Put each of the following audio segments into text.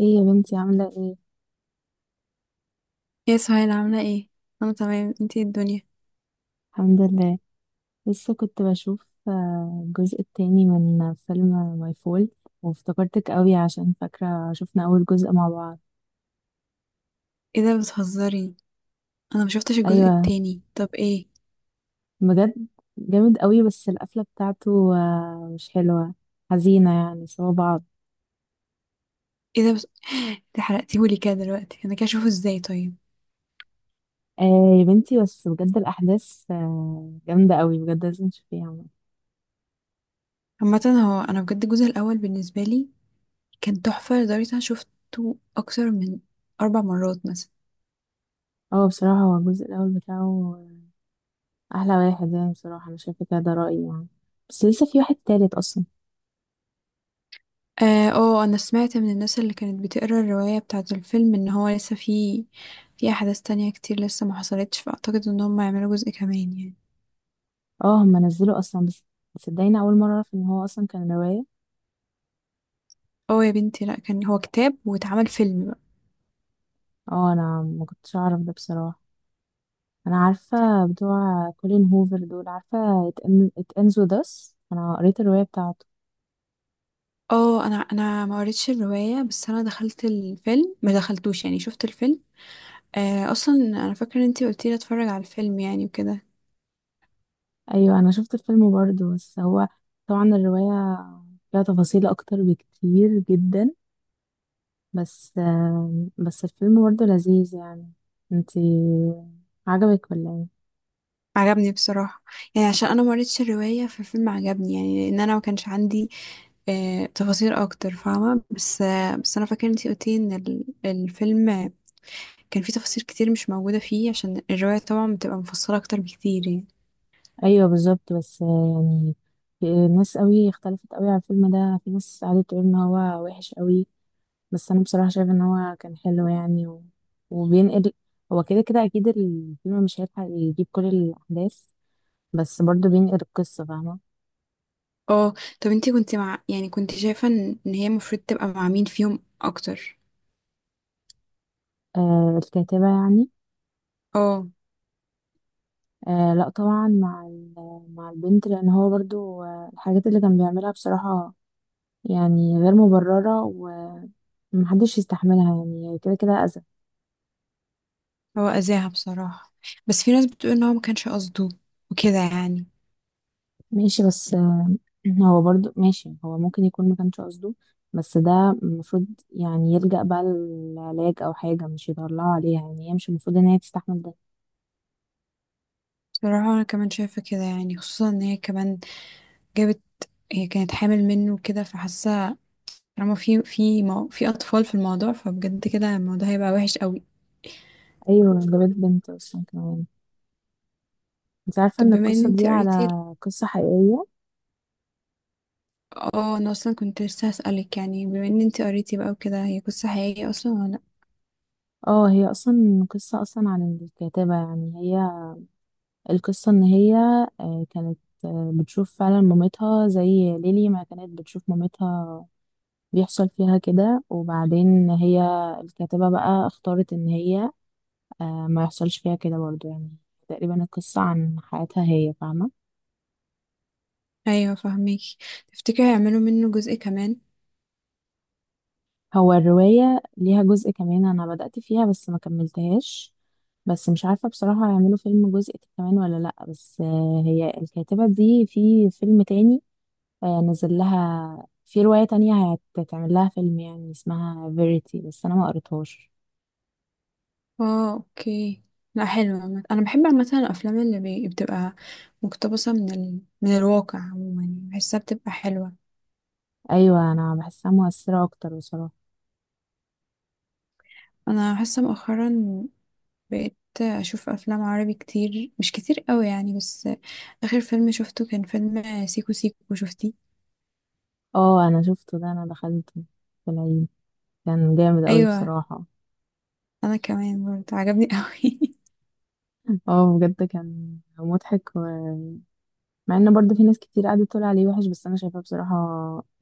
ايه يا بنتي عاملة ايه؟ يا سهيل، عاملة ايه؟ انا تمام، انتي إيه الدنيا؟ الحمد لله. لسه كنت بشوف الجزء التاني من فيلم ماي فول، وافتكرتك قوي عشان فاكرة شفنا أول جزء مع بعض. ايه ده، بتهزري؟ انا ما شفتش الجزء أيوة، التاني، طب ايه؟ بجد. جامد قوي بس القفلة بتاعته مش حلوة، حزينة يعني سوا بعض. ايه ده. انت حرقتيهولي كده دلوقتي، انا كده اشوفه ازاي طيب؟ آه يا بنتي، بس بجد الأحداث جامدة قوي بجد، لازم تشوفيها. عامة هو انا بجد الجزء الاول بالنسبة لي كان تحفة، لدرجة انا شفته اكتر من 4 مرات مثلا. اه، بصراحة هو الجزء الأول بتاعه أحلى واحد يعني، بصراحة أنا شايفة كده، ده رأيي يعني. بس لسه في واحد تالت أصلا. اه، انا سمعت من الناس اللي كانت بتقرا الرواية بتاعة الفيلم ان هو لسه في احداث تانية كتير لسه ما حصلتش، فاعتقد ان هم يعملوا جزء كمان يعني. اه، هم نزلوا اصلا بس صدقيني اول مره اعرف ان هو اصلا كان روايه. اه يا بنتي، لا كان هو كتاب واتعمل فيلم بقى. اه، انا ما كنتش اعرف ده بصراحه. انا عارفه بتوع كولين هوفر دول، عارفه It Ends With Us، انا قريت الروايه بتاعته. اه، انا ما قريتش الروايه، بس انا دخلت الفيلم ما دخلتوش يعني، شفت الفيلم. اصلا انا فاكره ان انتي قلتي لي اتفرج على الفيلم يعني وكده. ايوه، انا شفت الفيلم برضه، بس هو طبعا الروايه فيها تفاصيل اكتر بكتير جدا، بس الفيلم برضه لذيذ يعني. انتي عجبك ولا ايه؟ عجبني بصراحه، يعني عشان انا ما قريتش الروايه فالفيلم عجبني، يعني لان انا ما كانش عندي تفاصيل اكتر، فاهمه؟ بس بس انا فاكره ان انتي قلتي ان الفيلم كان فيه تفاصيل كتير مش موجوده فيه، عشان الروايه طبعا بتبقى مفصله اكتر بكتير يعني. ايوه بالظبط، بس يعني في ناس قوي اختلفت قوي على الفيلم ده، في ناس قعدت تقول ان هو وحش قوي، بس انا بصراحه شايفه ان هو كان حلو يعني. وبينقل، هو كده كده اكيد الفيلم مش هيلحق يجيب كل الاحداث، بس برضه بينقل القصه، فاهمه. اه، طب انتي كنت مع، يعني كنت شايفه إن هي المفروض تبقى مع مين فيهم اكتر؟ آه، الكاتبه يعني. اه، آه لا طبعا مع البنت، لان هو برضه الحاجات اللي كان بيعملها بصراحه يعني غير مبرره، ومحدش يستحملها، يعني كده كده اذى. هو أذاها بصراحة، بس في ناس بتقول ان هو ما كانش قصده وكده يعني. ماشي، بس هو برضو ماشي، هو ممكن يكون ما كانش قصده بس ده المفروض يعني يلجأ بقى للعلاج او حاجة، مش يطلعوا عليها، يعني هي مش المفروض ان هي تستحمل ده. بصراحة انا كمان شايفة كده، يعني خصوصا ان هي كمان جابت، هي كانت حامل منه وكده، فحاسة طالما في في اطفال في الموضوع، فبجد كده الموضوع هيبقى وحش قوي. ايوه، ده بيت بنت اصلا كمان. انت عارفة طب ان بما ان القصة دي انتي على قريتي ال- قصة حقيقية. اه، انا اصلا كنت لسه هسألك، يعني بما ان انتي قريتي بقى وكده، هي قصة حقيقية اصلا ولا لأ؟ اه، هي اصلا قصة اصلا عن الكاتبة يعني، هي القصة ان هي كانت بتشوف فعلا مامتها زي ليلي ما كانت بتشوف مامتها، بيحصل فيها كده، وبعدين هي الكاتبة بقى اختارت ان هي ما يحصلش فيها كده برضو يعني. تقريبا القصة عن حياتها هي، فاهمة. ايوه فهميكي. تفتكري هيعملوا منه جزء كمان؟ هو الرواية ليها جزء كمان، أنا بدأت فيها بس ما كملتهاش، بس مش عارفة بصراحة هيعملوا فيلم جزء كمان ولا لأ، بس هي الكاتبة دي في فيلم تاني نزل لها، في رواية تانية هتتعمل لها فيلم يعني اسمها فيريتي، بس أنا ما قريتهاش. اه، اوكي. لا، حلوة عامة. انا بحب عامة الافلام اللي بتبقى مقتبسة من من الواقع عموما يعني. بحسها بتبقى حلوة. أيوة، أنا بحسها مؤثرة أكتر بصراحة. انا حاسة مؤخرا بقيت اشوف افلام عربي كتير، مش كتير قوي يعني، بس اخر فيلم شفته كان فيلم سيكو سيكو. شفتيه؟ اه، أنا شفته ده، أنا دخلته في العيد، كان جامد أوي ايوه، بصراحة. انا كمان برضه عجبني قوي. اه، بجد كان مضحك. مع ان برضه في ناس كتير قعدت تقول عليه وحش، بس انا شايفاه بصراحة،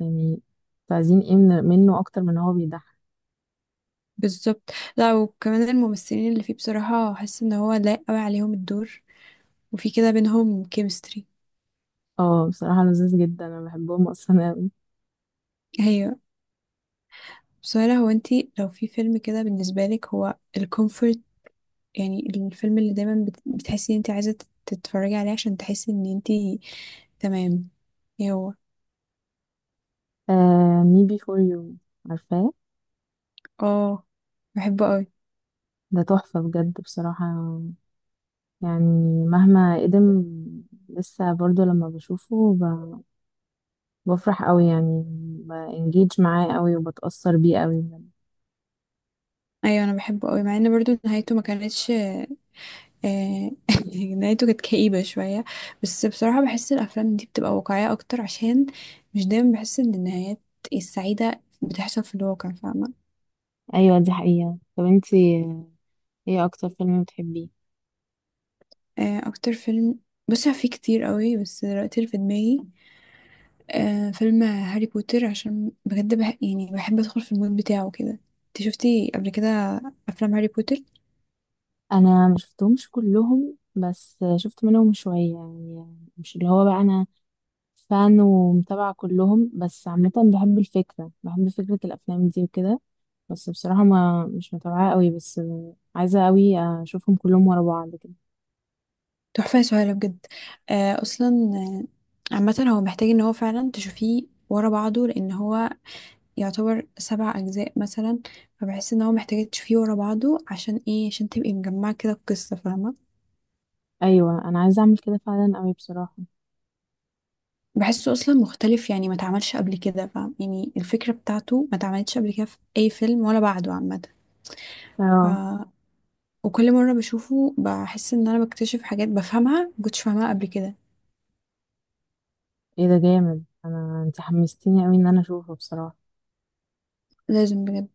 يعني تعزين ايه منه اكتر من هو بيضحك. بالظبط. لا، وكمان الممثلين اللي فيه بصراحة حاسة ان هو لايق قوي عليهم الدور، وفي كده بينهم كيمستري. اه، بصراحة لذيذ جدا انا بحبهم اصلا اوي. ايوه. سهلا، هو انتي لو في فيلم كده بالنسبة لك هو الكومفورت، يعني الفيلم اللي دايما بتحسي ان انتي عايزة تتفرجي عليه عشان تحسي ان انتي تمام. ايه هو؟ آه، مي بي فور يو، عارفاه. اه، بحبه قوي. ده تحفة بجد بصراحة، يعني مهما قدم لسه برضه لما بشوفه، بفرح قوي يعني، بانجيج معاه قوي وبتأثر بيه قوي بجد. ايوه، انا بحبه قوي، مع ان برضو نهايته ما كانتش نهايته كانت كئيبة شوية. بس بصراحة بحس الافلام دي بتبقى واقعية اكتر، عشان مش دايما بحس ان النهايات السعيدة بتحصل في الواقع، فاهمة؟ ايوه دي حقيقة. طب انتي، ايه اكتر فيلم بتحبيه؟ اكتر فيلم، بصي هو في كتير قوي بس دلوقتي اللي في دماغي فيلم هاري بوتر، عشان بجد يعني بحب ادخل في المود بتاعه كده. انت شفتي قبل كده افلام هاري بوتر؟ انا ما شفتهمش كلهم، بس شفت منهم شويه يعني، مش اللي هو بقى انا فان ومتابعه كلهم، بس عامه بحب الفكره، بحب فكره الافلام دي وكده، بس بصراحه ما مش متابعه قوي، بس عايزه قوي اشوفهم كلهم ورا بعض كده. تحفه يا سهيله بجد. اصلا آه، عامه هو محتاج ان هو فعلا تشوفيه ورا بعضه، لان هو يعتبر 7 اجزاء مثلا. فبحس ان هو محتاج تشوفيه ورا بعضه، عشان ايه؟ عشان تبقي مجمعه كده القصه، فاهمه؟ ايوه، انا عايزه اعمل كده فعلا قوي بصراحه. بحسه اصلا مختلف، يعني ما اتعملش قبل كده، فاهم؟ يعني الفكره بتاعته ما اتعملتش قبل كده في اي فيلم ولا بعده عامه. اه، وكل مرة بشوفه بحس ان انا بكتشف حاجات بفهمها مكنتش فاهمها قبل كده. ايه ده جامد، انت حمستيني قوي ان انا اشوفه بصراحه. لازم بجد.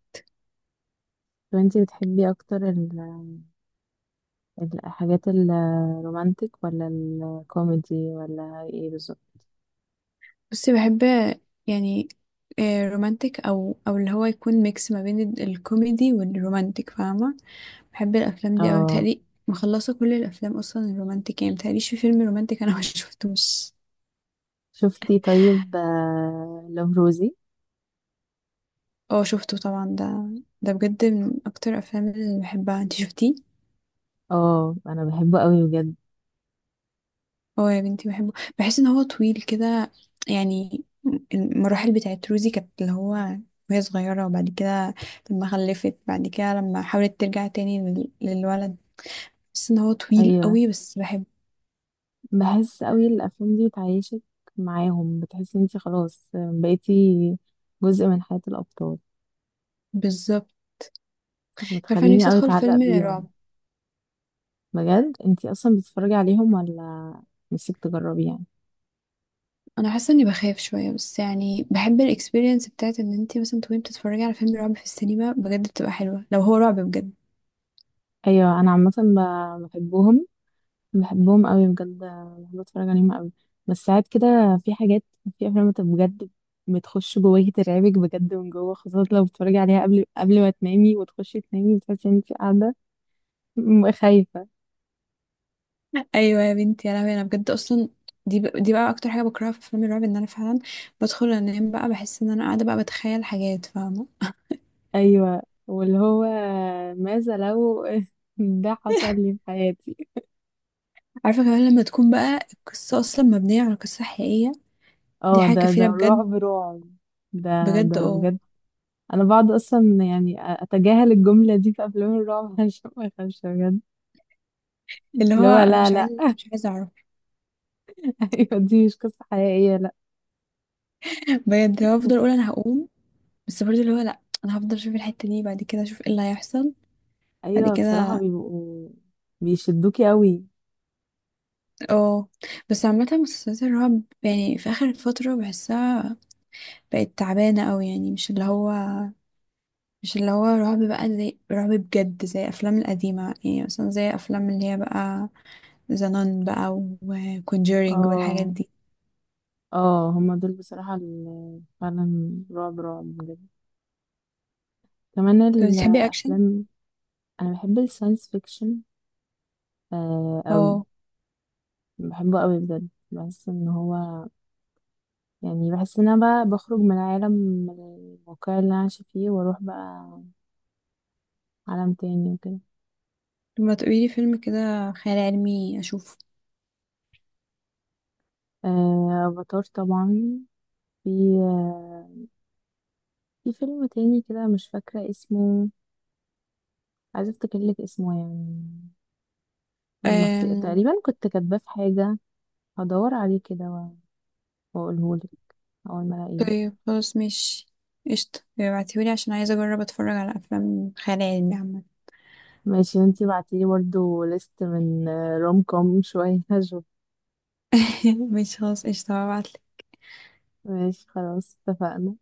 طب انت بتحبي اكتر الحاجات الرومانتك، ولا الكوميدي، ولا ايه بالظبط؟ بس بحب يعني رومانتك، او اللي هو يكون ميكس ما بين الكوميدي والرومانتك، فاهمة؟ بحب الافلام دي اوي. اه متهيألي مخلصة كل الافلام اصلا الرومانتك، يعني متهيأليش في فيلم رومانتك انا ما شفتوش. شفتي، طيب لوف روزي. اه شفته طبعا ده بجد من اكتر الافلام اللي بحبها. انت شفتيه؟ اه، انا بحبه قوي بجد. هو يا بنتي بحبه، بحس ان هو طويل كده. يعني المراحل بتاعت روزي كانت اللي هو وهي صغيرة، وبعد كده لما خلفت، بعد كده لما حاولت ترجع تاني للولد. بحس ان هو طويل ايوه، قوي بس بحب. بحس قوي الافلام دي بتعيشك معاهم، بتحسي انتي خلاص بقيتي جزء من حياة الابطال، بالظبط. عارفة، أنا بتخليني نفسي قوي ادخل اتعلق فيلم بيهم. رعب. بجد انتي اصلا بتتفرجي عليهم، ولا نفسك تجربي يعني؟ انا حاسة اني بخاف شوية، بس يعني بحب الاكسبيرينس بتاعت ان انتي مثلا تكوني بتتفرجي على فيلم رعب في السينما. بجد بتبقى حلوة لو هو رعب بجد. ايوه، انا عامة بحبهم، بحبهم قوي بجد، بحب اتفرج عليهم قوي، بس ساعات كده في حاجات، في افلام انت بجد بتخش جواكي، ترعبك بجد من جوه، خاصة لو بتتفرجي عليها قبل ما تنامي، وتخشي تنامي بتحسي ان انت قاعدة خايفة. ايوه يا بنتي، يا لهوي، انا بجد اصلا دي دي بقى اكتر حاجه بكرهها في افلام الرعب، ان انا فعلا بدخل انام بقى بحس ان انا قاعده بقى بتخيل حاجات، فاهمه؟ ايوه، واللي هو ماذا لو ده حصل لي في حياتي. عارفه. كمان لما تكون بقى القصه اصلا مبنيه على قصه حقيقيه، دي اه حاجه ده كفيله بجد رعب رعب، ده بجد. ده اه. بجد. انا بقعد اصلا يعني اتجاهل الجملة دي في افلام الرعب عشان ما اخافش بجد. اللي اللي هو هو انا لا مش لا عايزه أنا مش عايزه اعرف. ايوه، دي مش قصة حقيقية، لا. بجد اللي هو افضل اقول انا هقوم، بس برضه اللي هو، لا انا هفضل اشوف الحته دي، بعد كده اشوف ايه اللي هيحصل بعد ايوه، بصراحة كده. بيبقوا بيشدوكي قوي. اه. بس عامه مسلسلات الرعب يعني في اخر فتره بحسها بقت تعبانه قوي، يعني مش اللي هو رعب، بقى زي رعب بجد زي الافلام القديمه، يعني مثلا زي افلام اللي هي بقى ذا نان بقى، وكونجورينج والحاجات اه دي. اه، هما دول بصراحة اللي فعلا رعب رعب بجد، كمان طب بتحبي اكشن؟ الافلام. انا بحب الساينس فيكشن قوي، اه، بحبه قوي بجد، بحس ان هو، يعني بحس ان انا بقى بخرج من عالم، من الواقع اللي انا عايشة فيه، واروح بقى عالم تاني وكده. طب ما تقولي لي فيلم كده خيال علمي اشوفه. آه، افاتار طبعا. في آه في فيلم تاني كده مش فاكرة اسمه، عايزة افتكرلك اسمه يعني، أم... تقريبا كنت كاتباه في حاجة، هدور عليه كده واقوله لك اول ما الاقيه. طيب خلاص مش قشطة، ابعتيهولي عشان عايزة أجرب أتفرج على أفلام خيال علمي عامة. ماشي، وانتي بعتيلي برضه ليست من روم كوم شوية هشوف. مش خلاص قشطة هبعتلك. ماشي خلاص، اتفقنا.